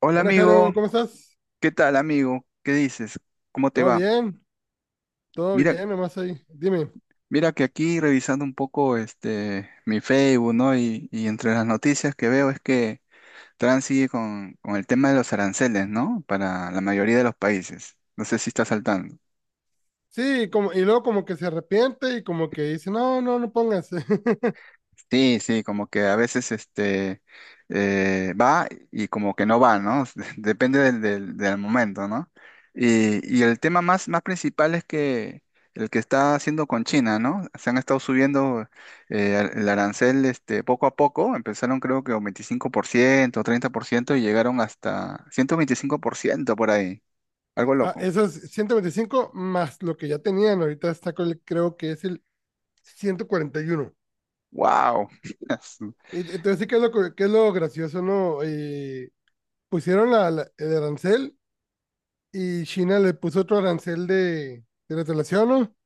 Hola Buenas, amigo, Jaro, ¿cómo estás? ¿qué tal amigo? ¿Qué dices? ¿Cómo te ¿Todo va? bien? ¿Todo Mira, bien? Nomás ahí. Dime. mira que aquí revisando un poco este mi Facebook, ¿no? Y entre las noticias que veo es que Trump sigue con el tema de los aranceles, ¿no? Para la mayoría de los países. No sé si estás saltando. Sí, como, y luego como que se arrepiente y como que dice, no, no, no pongas. Sí, sí, como que a veces este va y como que no va, ¿no? Depende del momento, ¿no? Y el tema más principal es que el que está haciendo con China, ¿no? Se han estado subiendo el arancel este, poco a poco, empezaron creo que un 25% 30% y llegaron hasta 125% por ciento por ahí, algo Ah, loco. esos 125 más lo que ya tenían, ahorita está con creo que es el 141. ¡Wow! Entonces sí que es lo que es lo gracioso, ¿no? Pusieron el arancel y China le puso otro arancel de retaliación, ¿no?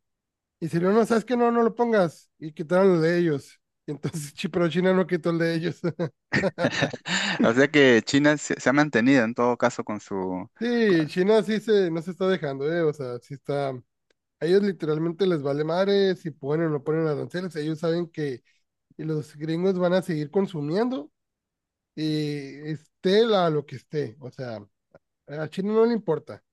Y si no, no, sabes que no, no lo pongas. Y quitaron el de ellos. Y entonces, sí, pero China no quitó el de ellos. O sea que China se ha mantenido en todo caso con su... Sí, China sí se, no se está dejando, ¿eh? O sea, sí está. A ellos literalmente les vale madre si ponen o no ponen aranceles. Ellos saben que los gringos van a seguir consumiendo y esté la, lo que esté. O sea, a China no le importa.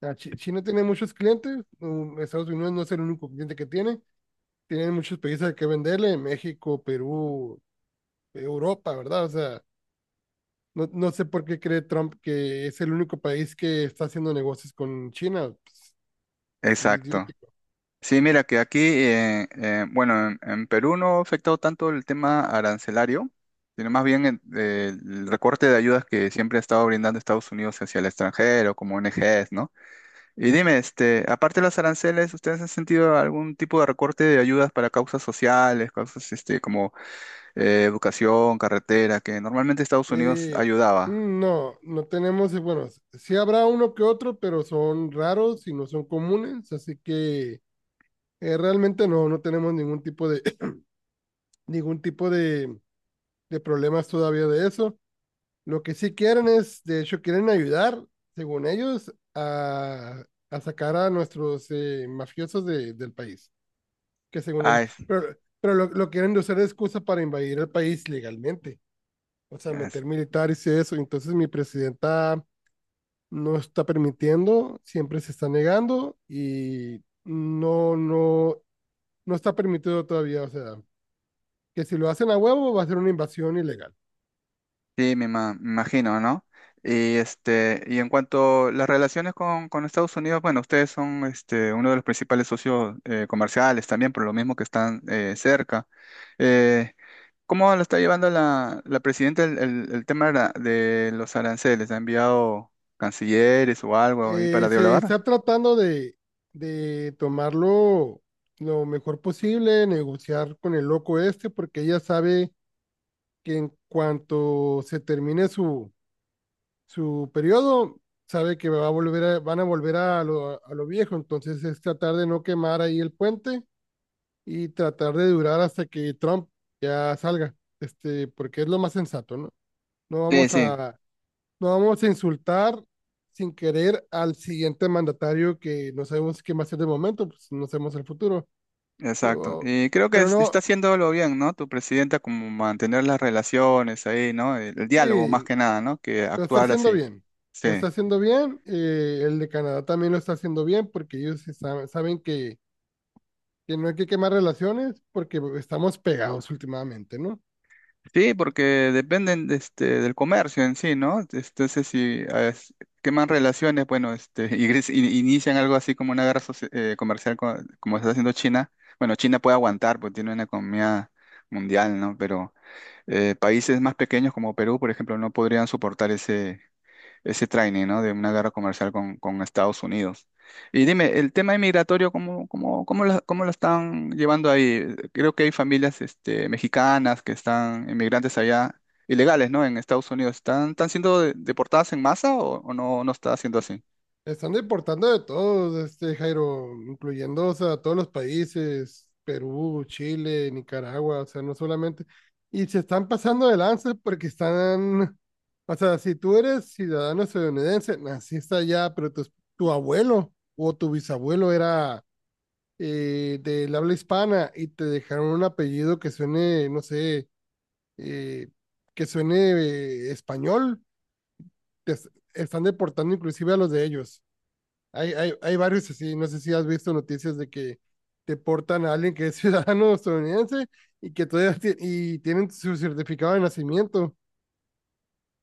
China tiene muchos clientes. Estados Unidos no es el único cliente que tiene. Tienen muchos países que venderle: México, Perú, Europa, ¿verdad? O sea, no, no sé por qué cree Trump que es el único país que está haciendo negocios con China. Pues, sí. Exacto. Sí, mira que aquí, bueno, en Perú no ha afectado tanto el tema arancelario, sino más bien el recorte de ayudas que siempre ha estado brindando Estados Unidos hacia el extranjero, como ONGs, ¿no? Y dime, este, aparte de los aranceles, ¿ustedes han sentido algún tipo de recorte de ayudas para causas sociales, causas, este, como educación, carretera, que normalmente Estados Unidos Eh, ayudaba? No, no tenemos, bueno, sí habrá uno que otro, pero son raros y no son comunes, así que realmente no, no tenemos ningún tipo de, ningún tipo de problemas todavía de eso. Lo que sí quieren es, de hecho, quieren ayudar, según ellos, a sacar a nuestros mafiosos del país, que según ellos, Ah, pero lo quieren usar de excusa para invadir el país legalmente, o sea, es- meter militares y eso. Entonces mi presidenta no está permitiendo, siempre se está negando y no, no, no está permitido todavía. O sea, que si lo hacen a huevo va a ser una invasión ilegal. Sí, me imagino, ¿no? Y en cuanto a las relaciones con Estados Unidos, bueno, ustedes son este, uno de los principales socios comerciales también, por lo mismo que están cerca. Eh, ¿Cómo lo está llevando la presidenta el tema de de los aranceles? ¿Ha enviado cancilleres o algo ahí para Se dialogar? está tratando de tomarlo lo mejor posible, negociar con el loco este, porque ella sabe que en cuanto se termine su periodo, sabe que va a volver a- van a volver a a lo viejo, entonces es tratar de no quemar ahí el puente y tratar de durar hasta que Trump ya salga, este, porque es lo más sensato, ¿no? No Sí, vamos sí, a, no vamos a insultar sin querer al siguiente mandatario que no sabemos qué va a ser de momento, pues no sabemos el futuro, exacto. pero, Y creo que pero está no, haciéndolo bien, ¿no? Tu presidenta, como mantener las relaciones ahí, ¿no? El diálogo más sí, que nada, ¿no? Que lo está actuar haciendo así. bien, Sí. lo está haciendo bien, el de Canadá también lo está haciendo bien porque ellos sí saben, saben que no hay que quemar relaciones porque estamos pegados últimamente, ¿no? Sí, porque dependen de este, del comercio en sí, ¿no? Entonces, si queman relaciones, bueno, este, inician algo así como una guerra comercial como está haciendo China, bueno, China puede aguantar porque tiene una economía mundial, ¿no? Pero países más pequeños como Perú, por ejemplo, no podrían soportar ese training, ¿no? De una guerra comercial con Estados Unidos. Y dime, el tema inmigratorio, ¿cómo la están llevando ahí? Creo que hay familias, este, mexicanas que están inmigrantes allá, ilegales, ¿no? En Estados Unidos. ¿Están siendo deportadas en masa o no, no está siendo así? Están deportando de todos, este Jairo, incluyendo, o sea, todos los países, Perú, Chile, Nicaragua, o sea, no solamente. Y se están pasando de lanza porque están, o sea, si tú eres ciudadano estadounidense, naciste allá, pero tu abuelo o tu bisabuelo era del habla hispana y te dejaron un apellido que suene, no sé, eh, que suene español, te es- están deportando inclusive a los de ellos. Hay varios así, no sé si has visto noticias de que deportan a alguien que es ciudadano estadounidense y que todavía tienen su certificado de nacimiento,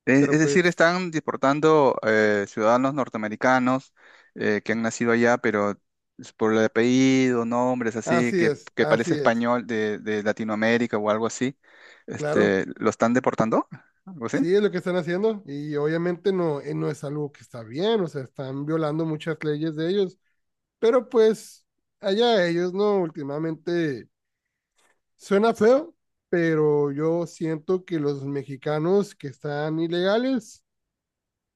Pero Es decir, pues están deportando ciudadanos norteamericanos que han nacido allá, pero es por el apellido, nombres así, que parece así es, español de Latinoamérica o algo así, claro, este, ¿lo están deportando? ¿Algo así? sí es lo que están haciendo y obviamente no, no es algo que está bien, o sea, están violando muchas leyes de ellos, pero pues allá ellos, ¿no? Últimamente suena feo, pero yo siento que los mexicanos que están ilegales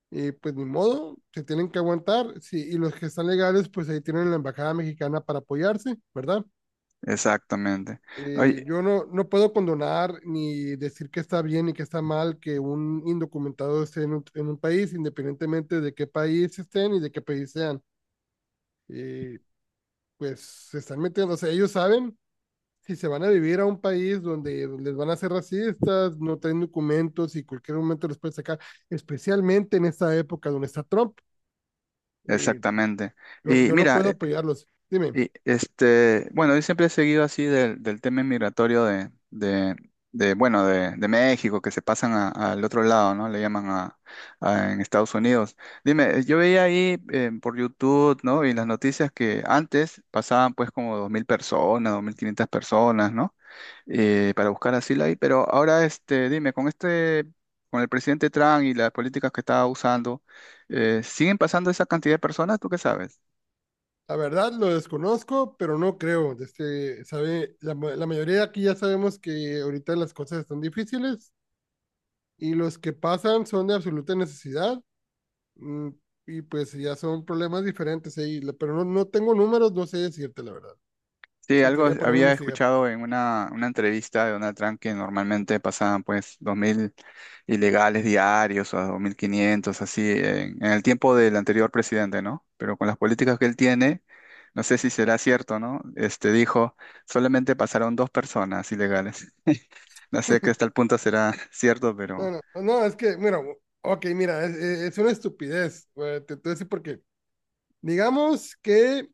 y pues ni modo, se tienen que aguantar, sí, y los que están legales, pues ahí tienen la embajada mexicana para apoyarse, ¿verdad? Exactamente. Oye, Yo no, no puedo condonar ni decir que está bien y que está mal que un indocumentado esté en un país, independientemente de qué país estén y de qué país sean. Eh, pues se están metiendo, o sea, ellos saben si se van a vivir a un país donde les van a hacer racistas, no traen documentos y cualquier momento los pueden sacar, especialmente en esta época donde está Trump. Eh, exactamente. Yo, Y yo no mira, puedo apoyarlos. Dime, y este, bueno, yo siempre he seguido así del tema inmigratorio bueno, de México, que se pasan al otro lado, ¿no? Le llaman en Estados Unidos. Dime, yo veía ahí por YouTube, ¿no? Y las noticias que antes pasaban pues como 2.000 personas, 2.500 personas, ¿no? Para buscar asilo ahí. Pero ahora, este, dime, con este, con el presidente Trump y las políticas que estaba usando, ¿siguen pasando esa cantidad de personas? ¿Tú qué sabes? la verdad lo desconozco, pero no creo. Este, sabe, la mayoría de aquí ya sabemos que ahorita las cosas están difíciles y los que pasan son de absoluta necesidad mm, y pues ya son problemas diferentes ahí, pero no, no tengo números, no sé decirte la verdad. Sí, Me algo tenía que ponerme a había investigar. escuchado en una entrevista de Donald Trump que normalmente pasaban pues 2.000 ilegales diarios o 2.500, así, en el tiempo del anterior presidente, ¿no? Pero con las políticas que él tiene, no sé si será cierto, ¿no? Este dijo, solamente pasaron dos personas ilegales. No sé que hasta el punto será cierto, No, pero no, no, es que, mira, ok, mira, es una estupidez. Güey, te voy a decir por qué. Digamos que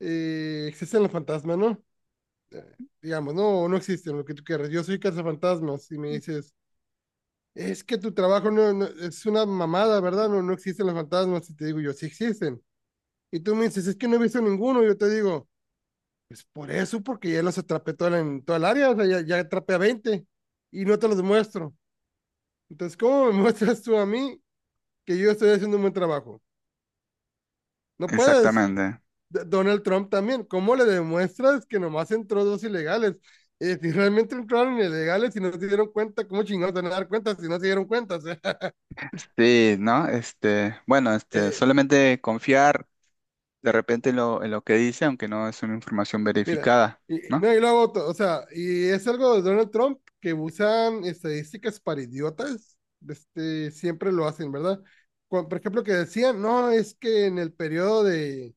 existen los fantasmas, ¿no? eh, digamos, no, no existen, lo que tú quieras. Yo soy cazafantasmas y me dices, es que tu trabajo es una mamada, ¿verdad? No, no existen los fantasmas. Y te digo yo, sí existen. Y tú me dices, es que no he visto ninguno. Y yo te digo, pues por eso, porque ya los atrapé en toda el área, o sea, ya atrapé a 20 y no te los muestro. Entonces, ¿cómo me muestras tú a mí que yo estoy haciendo un buen trabajo? No puedes, exactamente. Donald Trump también. ¿Cómo le demuestras que nomás entró dos ilegales? Si realmente entraron ilegales y no se dieron cuenta, ¿cómo chingados van a dar cuenta si no se dieron cuenta? O sea, Sí, ¿no? Este, bueno, este, eh, solamente confiar de repente en lo que dice, aunque no es una información mira, verificada. y, ¿No? no, y lo hago o sea, y es algo de Donald Trump que usan estadísticas para idiotas, este, siempre lo hacen, ¿verdad? Cuando, por ejemplo, que decían, no, es que en el periodo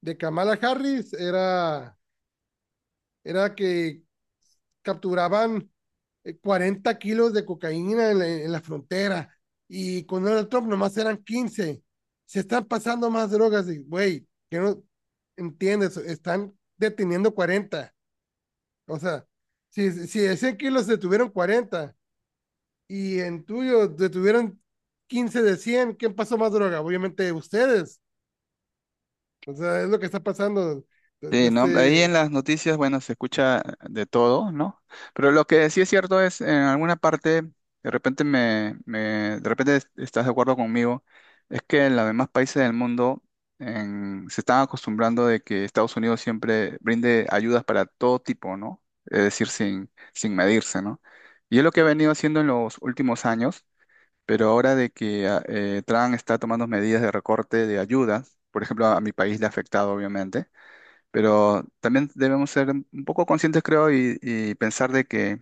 de Kamala Harris era que capturaban 40 kilos de cocaína en en la frontera y con Donald Trump nomás eran 15. Se están pasando más drogas, güey, que no entiendes, están deteniendo 40. O sea, si, si de 100 kilos detuvieron 40 y en tuyo detuvieron 15 de 100, ¿quién pasó más droga? Obviamente ustedes. O sea, es lo que está pasando. De, de Sí, ¿no? Ahí este, en las noticias, bueno, se escucha de todo, ¿no? Pero lo que sí es cierto es, en alguna parte, de repente me, me- de repente estás de acuerdo conmigo, es que en los demás países del mundo se están acostumbrando de que Estados Unidos siempre brinde ayudas para todo tipo, ¿no? Es decir, sin medirse, ¿no? Y es lo que ha venido haciendo en los últimos años, pero ahora de que Trump está tomando medidas de recorte de ayudas, por ejemplo, a mi país le ha afectado, obviamente, pero también debemos ser un poco conscientes, creo, y pensar de que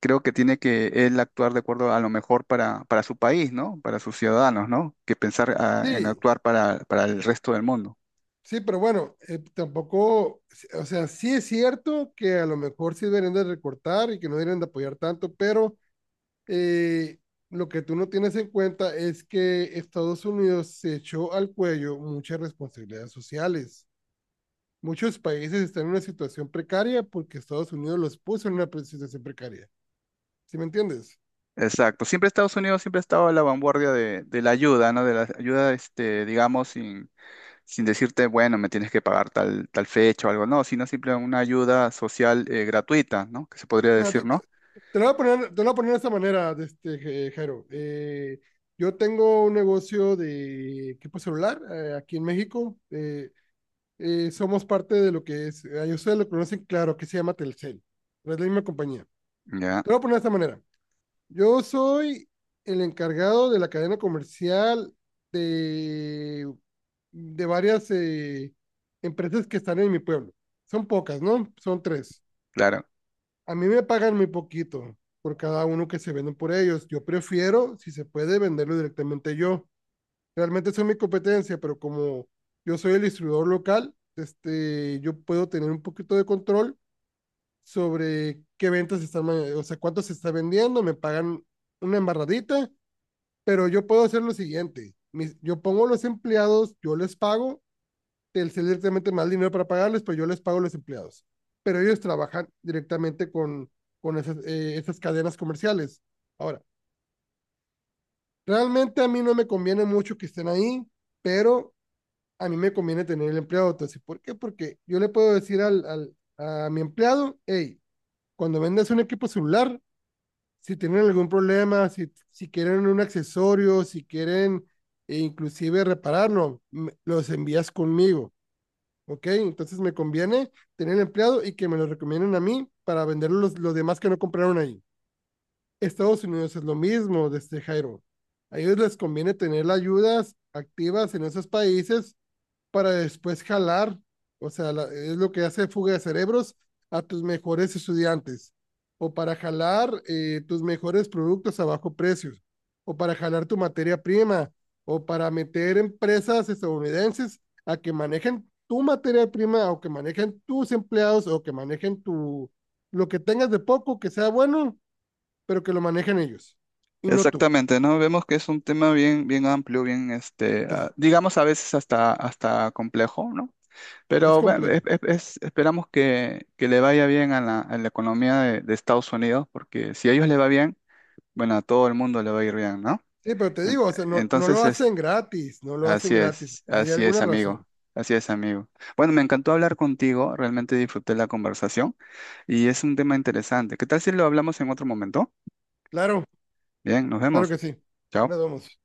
creo que tiene que él actuar de acuerdo a lo mejor para su país, ¿no? Para sus ciudadanos, ¿no? Que pensar en sí. actuar para el resto del mundo. Sí, pero bueno, tampoco, o sea, sí es cierto que a lo mejor sí deberían de recortar y que no deberían de apoyar tanto, pero eh, lo que tú no tienes en cuenta es que Estados Unidos se echó al cuello muchas responsabilidades sociales. Muchos países están en una situación precaria porque Estados Unidos los puso en una situación precaria. ¿Sí me entiendes? Exacto. Siempre Estados Unidos siempre ha estado a la vanguardia de la ayuda, ¿no? De la ayuda, este, digamos, sin decirte, bueno, me tienes que pagar tal, tal fecha o algo, no, sino siempre una ayuda social gratuita, ¿no? Que se podría Mira, decir, ¿no? te lo voy a poner, te lo voy a poner de esta manera, de este, Jairo. Yo tengo un negocio de equipo celular aquí en México. Somos parte de lo que es, ustedes lo conocen claro, que se llama Telcel, pero es la misma compañía. Ya, Te lo voy a poner de esta manera. Yo soy el encargado de la cadena comercial de, de varias empresas que están en mi pueblo. Son pocas, ¿no? Son tres. claro. A mí me pagan muy poquito por cada uno que se venden por ellos. Yo prefiero, si se puede, venderlo directamente yo. Realmente son mi competencia, pero como yo soy el distribuidor local, este, yo puedo tener un poquito de control sobre qué ventas están, o sea, cuánto se está vendiendo, me pagan una embarradita, pero yo puedo hacer lo siguiente. Yo pongo los empleados, yo les pago Telcel directamente más dinero para pagarles, pero yo les pago a los empleados. Pero ellos trabajan directamente con esas, esas cadenas comerciales. Ahora, realmente a mí no me conviene mucho que estén ahí, pero a mí me conviene tener el empleado. Entonces, ¿por qué? Porque yo le puedo decir al, al a mi empleado, hey, cuando vendas un equipo celular, si tienen algún problema, si, si quieren un accesorio, si quieren e inclusive repararlo, los envías conmigo. Ok, entonces me conviene tener empleado y que me lo recomienden a mí para vender los demás que no compraron ahí. Estados Unidos es lo mismo, desde Jairo. A ellos les conviene tener las ayudas activas en esos países para después jalar, o sea, es lo que hace fuga de cerebros a tus mejores estudiantes, o para jalar tus mejores productos a bajo precio, o para jalar tu materia prima, o para meter empresas estadounidenses a que manejen tu materia prima, o que manejen tus empleados, o que manejen tu, lo que tengas de poco, que sea bueno, pero que lo manejen ellos y no tú. Exactamente, ¿no? Vemos que es un tema bien, bien amplio, bien, este, ah, Entonces, digamos a veces hasta, hasta complejo, ¿no? es Pero bueno, complejo. Esperamos que le vaya bien a la economía de Estados Unidos, porque si a ellos le va bien, bueno, a todo el mundo le va a ir bien, ¿no? Sí, pero te En- digo, o sea, no, no lo entonces, es, hacen gratis, no lo hacen así gratis. es, Hay así es, alguna razón. amigo, así es, amigo. Bueno, me encantó hablar contigo, realmente disfruté la conversación y es un tema interesante. ¿Qué tal si lo hablamos en otro momento? Claro, Bien, nos claro vemos. que sí. Ya Chao. nos vemos.